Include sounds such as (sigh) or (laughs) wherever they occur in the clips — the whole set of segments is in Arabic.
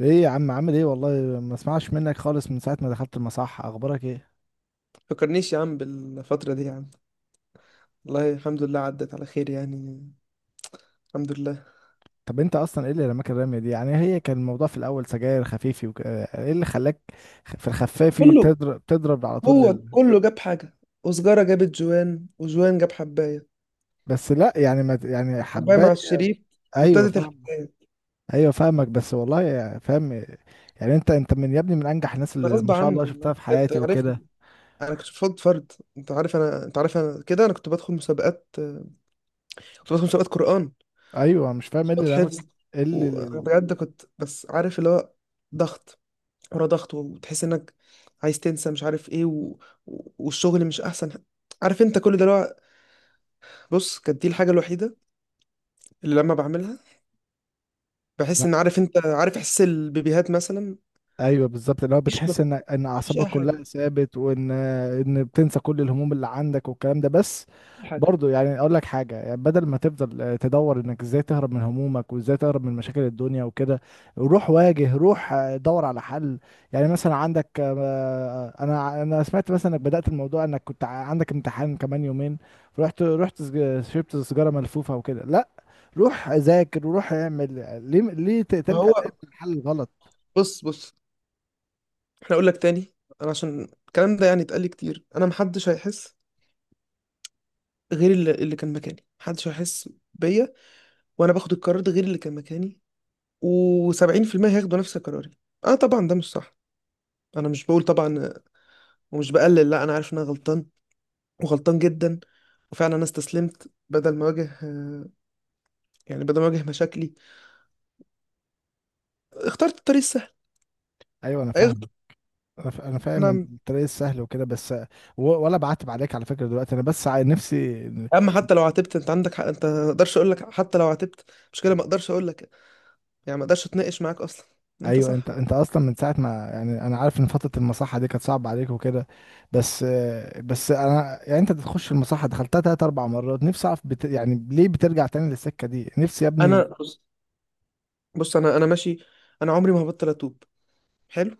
ايه يا عم، عامل ايه؟ والله ما اسمعش منك خالص من ساعة ما دخلت المصح، اخبارك ايه؟ فكرنيش يا عم بالفترة دي يا عم. والله الحمد لله عدت على خير يعني. الحمد لله. طب انت اصلا ايه اللي رماك الرمية دي؟ يعني هي كان الموضوع في الاول سجاير خفيفي وك... آه، ايه اللي خلاك في الخفافي كله، تضرب تضرب على طول هو لل... كله جاب حاجة. وسجارة جابت جوان وجوان جاب حباية. بس لا يعني ما ت- يعني حباية حباية. مع الشريف. ايوه، وابتدت فاهم. الحكاية. ايوه، فاهمك، بس والله يعني فاهم. يعني انت من يا ابني، من انجح الناس ده اللي غصب ما شاء عني الله شفتها والله في انت حياتي وكده. عارفني. انا كنت فاض فرد. انت عارف انا كده انا كنت بدخل مسابقات. كنت بدخل مسابقات قرآن. ايوه، مش فاهم ايه مسابقات اللي رماك؟ حفظ. ايه اللي... وبجد كنت بس عارف اللي هو ضغط ورا ضغط، وتحس انك عايز تنسى مش عارف ايه والشغل مش احسن. عارف انت كل ده اللي هو. بص، كانت دي الحاجة الوحيدة اللي لما بعملها بحس ان، عارف انت، عارف احس البيبيهات مثلا. ايوه، بالظبط اللي هو مفيش بتحس ان مفيش اعصابك اي حاجة. كلها ثابت، وان بتنسى كل الهموم اللي عندك والكلام ده بس. حاجة. برضه يعني اقول لك حاجه، يعني بدل ما تفضل تدور انك ازاي تهرب من همومك وازاي تهرب من مشاكل الدنيا وكده، روح واجه، روح دور على حل. يعني مثلا عندك انا سمعت مثلا انك بدات الموضوع انك عندك امتحان كمان يومين. شربت سيجاره ملفوفه وكده. لا، روح ذاكر وروح اعمل. ليه تلجأ ما هو دايما للحل الغلط؟ بص. احنا اقول لك تاني. انا عشان الكلام ده يعني اتقال لي كتير، انا محدش هيحس غير اللي كان مكاني. محدش هيحس بيا. وانا باخد القرار ده غير اللي كان مكاني، و70% هياخدوا نفس قراري. انا طبعا ده مش صح. انا مش بقول طبعا ومش بقلل، لا انا عارف ان انا غلطان، وغلطان جدا. وفعلا انا استسلمت بدل ما اواجه، يعني بدل ما اواجه مشاكلي. اخترت الطريق السهل. ايوه انا أيوة. فاهم. أنا فاهم ان نعم. الطريق السهل وكده، بس ولا بعتب عليك على فكره، دلوقتي انا بس نفسي... اما حتى لو عاتبت انت عندك حق، انت ما اقدرش اقول لك حتى لو عاتبت. مش كده، ما اقدرش اقول لك. يعني ما اقدرش اتناقش معاك اصلا. انت ايوه، صح. انت اصلا من ساعه ما يعني انا عارف ان فتره المصحه دي كانت صعبه عليك وكده. بس. بس انا يعني انت بتخش المصحه، دخلتها تلات اربع مرات، نفسي اعرف يعني ليه بترجع تاني للسكه دي، نفسي يا انا ابني. بص، انا ماشي. انا عمري ما هبطل اتوب. حلو.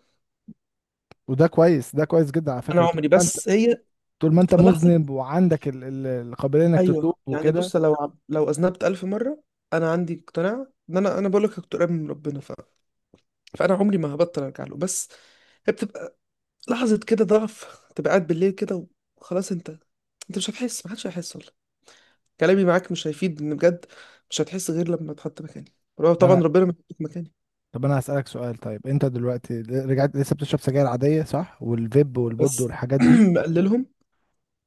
وده كويس، ده كويس جدا على فكره، انا طول عمري، ما انت... بس هي طول ما انت بتبقى لحظه. مذنب وعندك القابليه انك ايوه تتوب يعني وكده. بص، لو لو اذنبت الف مره، انا عندي اقتناع ان انا بقول لك كنت قريب من ربنا فانا عمري ما هبطل ارجع له. بس هي بتبقى لحظه كده ضعف. تبقى قاعد بالليل كده وخلاص. انت، انت مش هتحس، محدش هيحس. كلامي معاك مش هيفيد، لان بجد مش هتحس غير لما تحط مكاني. طبعا ربنا ما يحطك مكاني. طب انا هسألك سؤال، طيب انت دلوقتي رجعت، لسه بتشرب سجاير عادية صح؟ والفيب والبود بس والحاجات دي؟ (clears throat) مقللهم.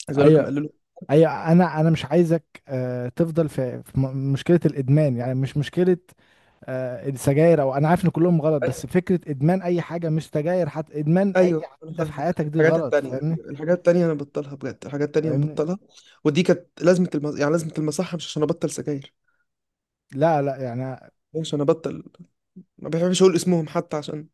عايز اقول لك ايوه. مقللهم. ايوه، انا مش عايزك تفضل مشكلة الادمان، يعني مش مشكلة السجاير، او انا عارف ان كلهم غلط، بس ايوه، فكرة ادمان اي حاجة، مش سجاير حتى، ادمان اي ايوه، انا عادة في فاهمك. حياتك دي الحاجات غلط، التانية، فاهمني؟ الحاجات التانية انا ببطلها بجد، الحاجات التانية أنا فاهمني. ببطلها. ودي كانت يعني لازمة المصحة، مش عشان ابطل سجاير. لا، لا يعني. مش عشان ابطل. ما بحبش اقول اسمهم حتى، عشان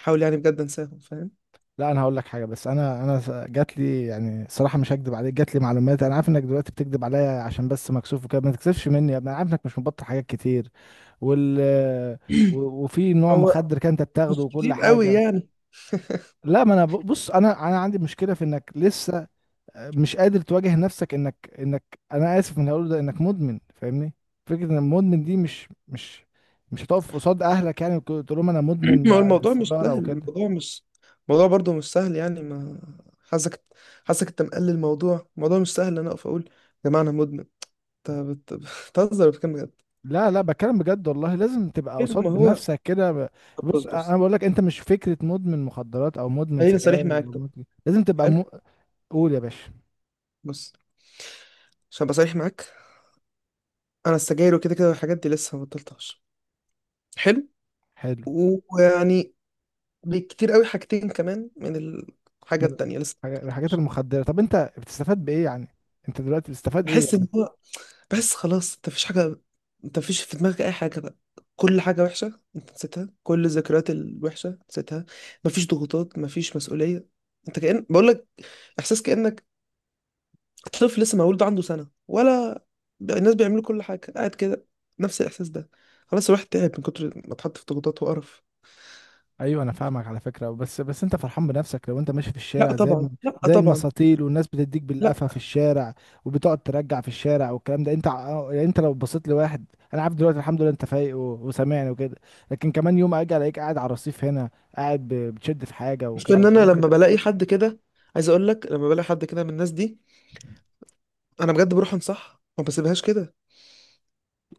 احاول يعني بجد انساهم، فاهم. لا، انا هقول لك حاجه، بس جات لي يعني صراحه، مش هكدب عليك، جات لي معلومات. انا عارف انك دلوقتي بتكدب عليا عشان بس مكسوف وكده، ما تكسفش مني يا ابني، انا عارف انك مش مبطل حاجات كتير وال (clears throat) وفي نوع هو مخدر كان انت بتاخده مش وكل كتير قوي حاجه. يعني. لا، ما انا ب- بص، انا عندي مشكله في انك لسه مش قادر تواجه نفسك، انك انا اسف من اللي هقوله ده، انك مدمن، فاهمني؟ فكره ان المدمن دي مش مش هتقف قصاد اهلك يعني وتقول لهم انا (clears throat) مدمن، ما هو الموضوع مش سيجاره سهل، وكده. الموضوع مش... الموضوع برضه مش سهل يعني. ما حاسك حاسك انت مقلل الموضوع، الموضوع مش سهل. انا اقف اقول يا جماعه انا مدمن؟ انت بت- بتهزر وبتتكلم بجد؟ لا، لا، بتكلم بجد، والله لازم تبقى طيب ما قصاد هو. نفسك كده طب بص بص، انا بص بقول لك انت مش فكره مدمن مخدرات او مدمن خليني صريح سجاير أو معاك، طب. مدمن- لازم تبقى حلو. م... قول يا باشا. بص، عشان ابقى صريح معاك، انا السجاير وكده كده والحاجات دي لسه ما بطلتهاش. حلو. حلو. ويعني بكتير قوي، حاجتين كمان من الحاجه من التانية لسه ما الحاجات بطلتهاش. المخدره، طب انت بتستفاد بايه يعني؟ انت دلوقتي بتستفاد ايه؟ بحس ان هو، بس خلاص، انت مفيش حاجة. انت مفيش في دماغك اي حاجة بقى. كل حاجة وحشة انت نسيتها، كل الذكريات الوحشة نسيتها. مفيش ضغوطات، مفيش مسؤولية. انت كأن، بقولك احساس كأنك طفل لسه مولود عنده سنة، ولا الناس بيعملوا كل حاجة قاعد كده. نفس الاحساس ده. خلاص الواحد تعب من كتر ما اتحط في ضغوطات وقرف. ايوه، انا فاهمك على فكره، بس انت فرحان بنفسك لو انت ماشي في لا الشارع زي طبعا، لا زي طبعا. المساطيل، والناس بتديك لا، بالقفا في الشارع، وبتقعد ترجع في الشارع والكلام ده، يعني انت لو بصيت لواحد. انا عارف دلوقتي الحمد لله انت فايق وسامعني وكده، لكن كمان يوم اجي الاقيك قاعد على الرصيف هنا، قاعد بتشد في حاجه مش ان وكده انا يا ابني، لما بلاقي حد كده. عايز اقول لك لما بلاقي حد كده من الناس دي، انا بجد بروح انصح، ما بسيبهاش كده.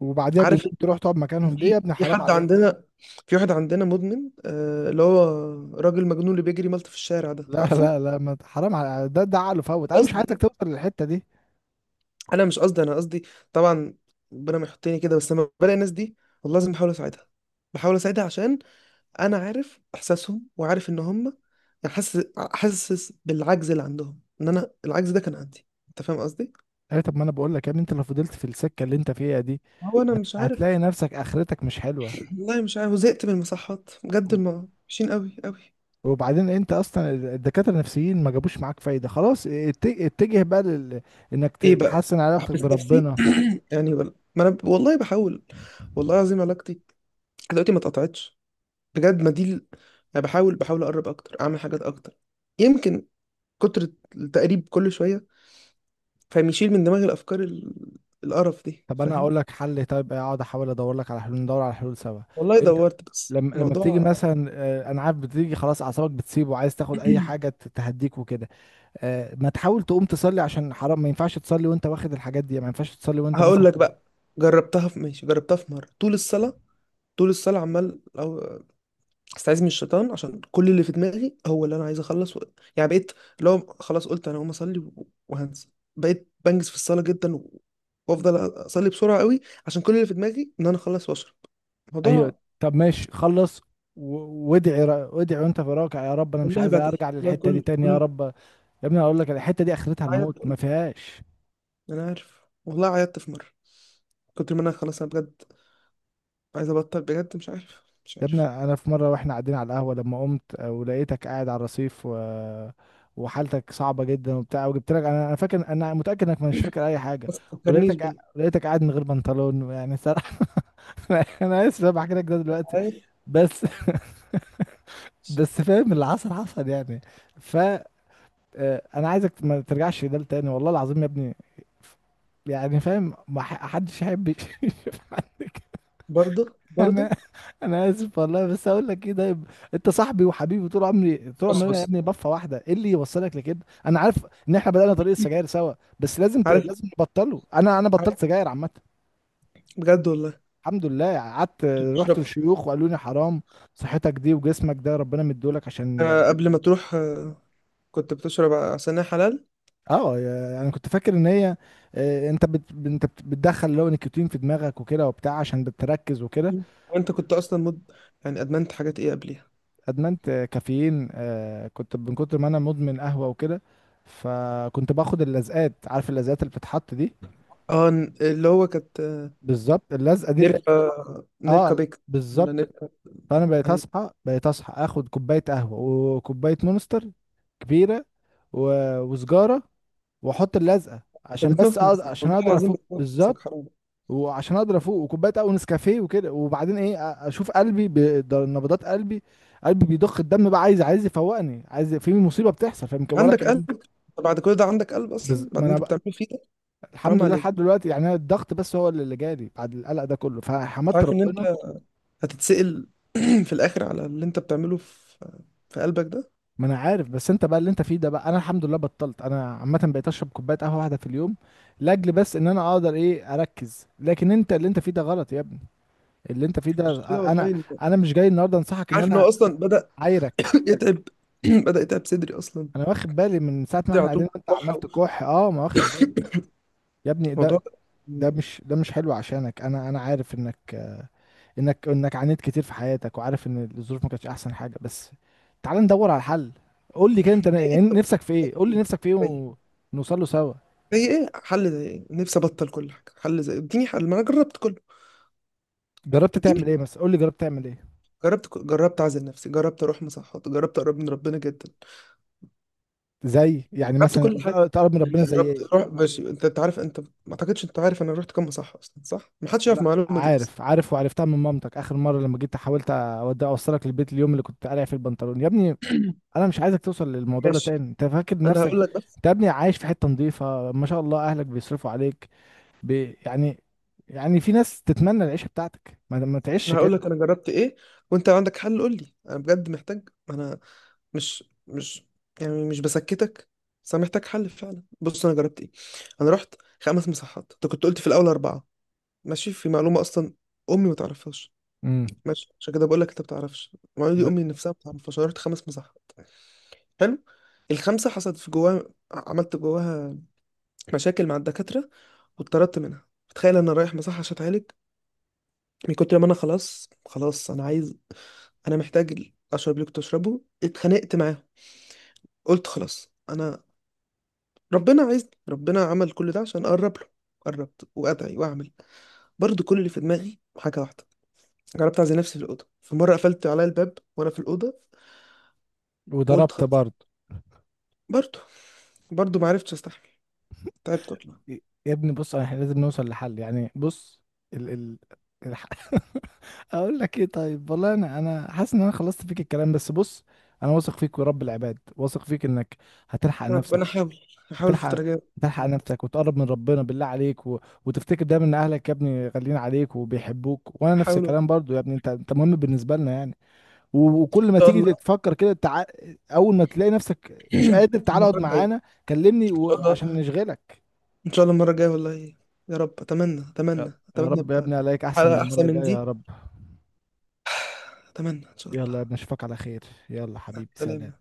وبعديها بيوم عارف. تروح تقعد كان مكانهم، ليه يا في ابني؟ في حرام حد عليك. عندنا. في واحد عندنا مدمن، اللي هو راجل مجنون اللي بيجري ملط في الشارع ده، لا، عارفه. لا، لا، ما ت- حرام على ده، ده عقله فوت، انا مش قصدي عايزك لا، توصل للحته دي. انا مش قصدي، انا قصدي طبعا ربنا ما يحطني كده. بس لما بلاقي الناس دي، والله لازم بحاول اساعدها. بحاول اساعدها عشان انا عارف احساسهم، وعارف ان هم، يعني حاسس، حاسس بالعجز اللي عندهم، ان انا العجز ده كان عندي، انت فاهم قصدي. ايه، طب ما انا بقول لك يا ابني، انت لو فضلت في السكه اللي انت فيها دي هو انا مش عارف. هتلاقي نفسك اخرتك مش حلوه. (clears throat) والله مش عارف، وزهقت من المصحات بجد، وحشين قوي قوي. وبعدين انت اصلا الدكاتره النفسيين ما جابوش معاك فايده، خلاص اتجه بقى لل... انك ايه بقى، تحسن علاقتك احبس نفسي؟ بربنا. (clears throat) يعني ولا، ما انا والله بحاول. والله العظيم علاقتي دلوقتي ما اتقطعتش بجد. ما دي ال- انا بحاول اقرب اكتر، اعمل حاجات اكتر. يمكن كتر التقريب كل شويه، فاهم، يشيل من دماغي الافكار القرف دي، طب انا فاهم. اقول لك حل، طيب اقعد احاول ادور لك على حلول، ندور على حلول سوا. والله انت دورت، بس لما بتيجي الموضوع. مثلا انا عارف بتيجي خلاص اعصابك بتسيب وعايز تاخد اي حاجه (clears throat) تهديك وكده. ما تحاول تقوم تصلي عشان حرام، ما ينفعش تصلي وانت واخد الحاجات دي، ما ينفعش تصلي وانت هقول مثلا... لك بقى، جربتها في، ماشي، جربتها في مره. طول الصلاه، طول الصلاه عمال استعيذ من الشيطان، عشان كل اللي في دماغي هو اللي انا عايز اخلص يعني بقيت. لو خلاص قلت انا هقوم اصلي وهنسى. بقيت بنجز في الصلاه جدا وافضل اصلي بسرعه قوي، عشان كل اللي في دماغي ان انا اخلص واشرب (laughs) ايوه. الموضوع. طب ماشي، خلص، وادعي وانت في راكع: يا رب انا مش والله عايز بدعي ارجع والله، للحته دي كل تاني، يا رب. يا ابني اقول لك، الحته دي اخرتها عيط، الموت ما فيهاش. انا عارف، والله عيطت في مره. كنت، ما انا خلاص، انا بجد عايز ابطل بجد، مش عارف، مش يا ابني، عارف. انا في مره واحنا قاعدين على القهوه لما قمت ولقيتك قاعد على الرصيف و... وحالتك صعبه جدا وبتاع وجبت لك، انا فاكر انا متاكد انك مش فاكر اي حاجه، بس ما تفكرنيش بال. لقيتك قاعد من غير بنطلون يعني، صراحه. (laughs) انا اسف إن انا بحكي لك ده دلوقتي، بس. بس فاهم، اللي حصل حصل يعني، ف آه، انا عايزك ما ترجعش ده تاني والله العظيم يا ابني. يعني فاهم، ما حدش يحب يشوف (laughs) عندك. برضه، انا برضه. (laughs) انا اسف والله، بس اقول لك ايه ده انت صاحبي وحبيبي طول عمري، طول بص، عمرنا يا بص. ابني، بفه واحده ايه اللي يوصلك لكده؟ انا عارف ان احنا بدأنا طريق السجاير سوا، بس عارف، لازم نبطله، انا عارف. بطلت سجاير عامه، بجد والله. الحمد لله، قعدت، رحت بتشرب، للشيوخ وقالوا لي حرام. صحتك دي وجسمك ده ربنا مديهولك عشان... قبل ما تروح، كنت بتشرب عصير حلال. اه، انا كنت فاكر ان هي بتدخل اللي هو نيكوتين في دماغك وكده وبتاع عشان بتركز وكده. وانت كنت اصلا يعني ادمنت حاجات ايه قبليها؟ ادمنت كافيين، كنت من كتر ما انا مدمن قهوه وكده، فكنت باخد اللزقات، عارف اللزقات اللي بتتحط دي؟ اه، اللي هو كانت بالظبط اللزقه دي اللي... نيركا. نيركا اه، بيك. ولا بالظبط. نيركا. فانا بقيت ايوه اصحى، بقيت اصحى اخد كوبايه قهوه، وكوبايه مونستر كبيره، و... وسجاره، واحط اللزقه انت عشان بس بتموت أقدر... نفسك، عشان والله اقدر العظيم افوق بتموت بالظبط، نفسك، حرام. وعشان اقدر افوق، وكوبايه قهوه نسكافيه وكده، وبعدين ايه اشوف قلبي ب... ده نبضات قلبي، قلبي بيضخ الدم، بقى عايز يفوقني، عايز في مصيبه بتحصل، فاهم ولا عندك قلب؟ كأن... انت بعد كل ده عندك قلب اصلا؟ ما بعدين انا انت بقى... بتعمله فيه ده. الحمد حرام لله عليك. لحد دلوقتي يعني، أنا الضغط بس هو اللي جالي بعد القلق ده كله، انت فحمدت عارف ان انت ربنا. هتتسأل (clears throat) في الاخر على اللي انت بتعمله في قلبك ده. ما انا عارف، بس انت بقى اللي انت فيه ده، بقى انا الحمد لله بطلت، انا عامه بقيت اشرب كوبايه قهوه واحده في اليوم، لاجل بس ان انا اقدر ايه اركز، لكن انت اللي انت فيه ده غلط يا ابني، اللي انت فيه ده... مشكله والله انا انت. انا مش جاي النهارده انصحك ان عارف ان انا هو اصلا بدأ عايرك. (clears throat) يتعب. (clears throat) بدأ يتعب صدري اصلا. انا واخد بالي من ساعه ما صدري احنا على قاعدين طول وانت عمال كحه، تكح، اه، ما واخد بالي يا ابني، الموضوع ده ده. ده مش حلو عشانك، انا عارف انك انك عانيت كتير في حياتك، وعارف ان الظروف ما كانتش احسن حاجه، بس تعال ندور على الحل. قول لي كده، إيه؟ يعني نفسك في ايه؟ قول لي نفسك في ايه زي، ونوصل له سوا. ايه حل؟ زي ايه نفسي ابطل كل حاجه؟ حل زي ايه؟ اديني حل، ما انا جربت كله. جربت اديني. تعمل ايه مثلا؟ قول لي جربت تعمل ايه. جربت جربت اعزل نفسي، جربت اروح مصحات، جربت اقرب من ربنا جدا. زي يعني جربت مثلا كل حاجه. تقرب من يعني ربنا زي جربت ايه؟ اروح، ماشي، انت، عارف، انت ما اعتقدش انت عارف انا رحت كام مصحه اصلا، صح. ما حدش يعرف لا، المعلومه دي اصلا. عارف عارف، وعرفتها من مامتك اخر مره لما جيت حاولت اودي اوصلك البيت اليوم اللي كنت قارع في البنطلون يا ابني. انا مش عايزك توصل للموضوع ده ماشي، تاني، انت فاكر انا نفسك... هقول لك بس. انت يا ابني عايش في حته نظيفه، ما شاء الله، اهلك بيصرفوا عليك، ب... يعني، يعني في ناس تتمنى العيشة بتاعتك، ما تعيش انا كده. هقول لك انا جربت ايه، وانت لو عندك حل قول لي، انا بجد محتاج. انا مش يعني مش بسكتك. بس انا محتاج حل فعلا. بص، انا جربت ايه. انا رحت خمس مساحات. انت كنت قلت في الاول اربعه. ماشي، في معلومه اصلا امي ما تعرفهاش. امم. ماشي، عشان كده بقول لك انت ما بتعرفش المعلومه ب... دي، امي نفسها ما تعرفهاش. انا رحت خمس مساحات. حلو. الخمسه حصلت في جواها، عملت جواها مشاكل مع الدكاتره، واتطردت منها. تخيل، انا رايح مساحه عشان اتعالج، من كتر ما انا خلاص، خلاص انا عايز، انا محتاج اشرب اللي كنت اشربه، اتخانقت معاهم. قلت خلاص انا، ربنا عايز، ربنا عمل كل ده عشان اقرب له. قربت وادعي واعمل، برضو كل اللي في دماغي حاجه واحده. جربت اعزل نفسي في الاوضه، في مره قفلت عليا الباب وانا في الاوضه وقلت وضربت خلاص. برضه. برضو، برضو ما عرفتش استحمل. تعبت والله. يا ابني، بص، احنا لازم نوصل لحل يعني، بص. ال... ال... الح... (laughs) اقول لك ايه، طيب والله، انا حاسس ان انا خلصت فيك الكلام، بس بص. انا واثق فيك ورب العباد، واثق فيك انك هتلحق ربنا، نفسك، احاول الفتره هتلحق، الجايه. هتلحق نفسك وتقرب من ربنا بالله عليك، و... وتفتكر دايما ان اهلك يا ابني غاليين عليك وبيحبوك، وانا نفس احاول ان الكلام برضو يا ابني، انت مهم بالنسبة لنا يعني. وكل ما شاء تيجي الله. تفكر كده اول ما تلاقي نفسك مش (clears throat) قادر تعالى المره اقعد الجايه، معانا، ان كلمني شاء و... الله. عشان نشغلك. ان شاء الله المره الجايه والله. يا رب، اتمنى يا اتمنى يا اتمنى رب يا ابقى ابني، عليك احسن من حلقه المره احسن من الجايه، يا دي. رب. اتمنى ان شاء يلا يا الله. ابني، اشوفك على خير. يلا مع حبيبي، سلام. السلامه.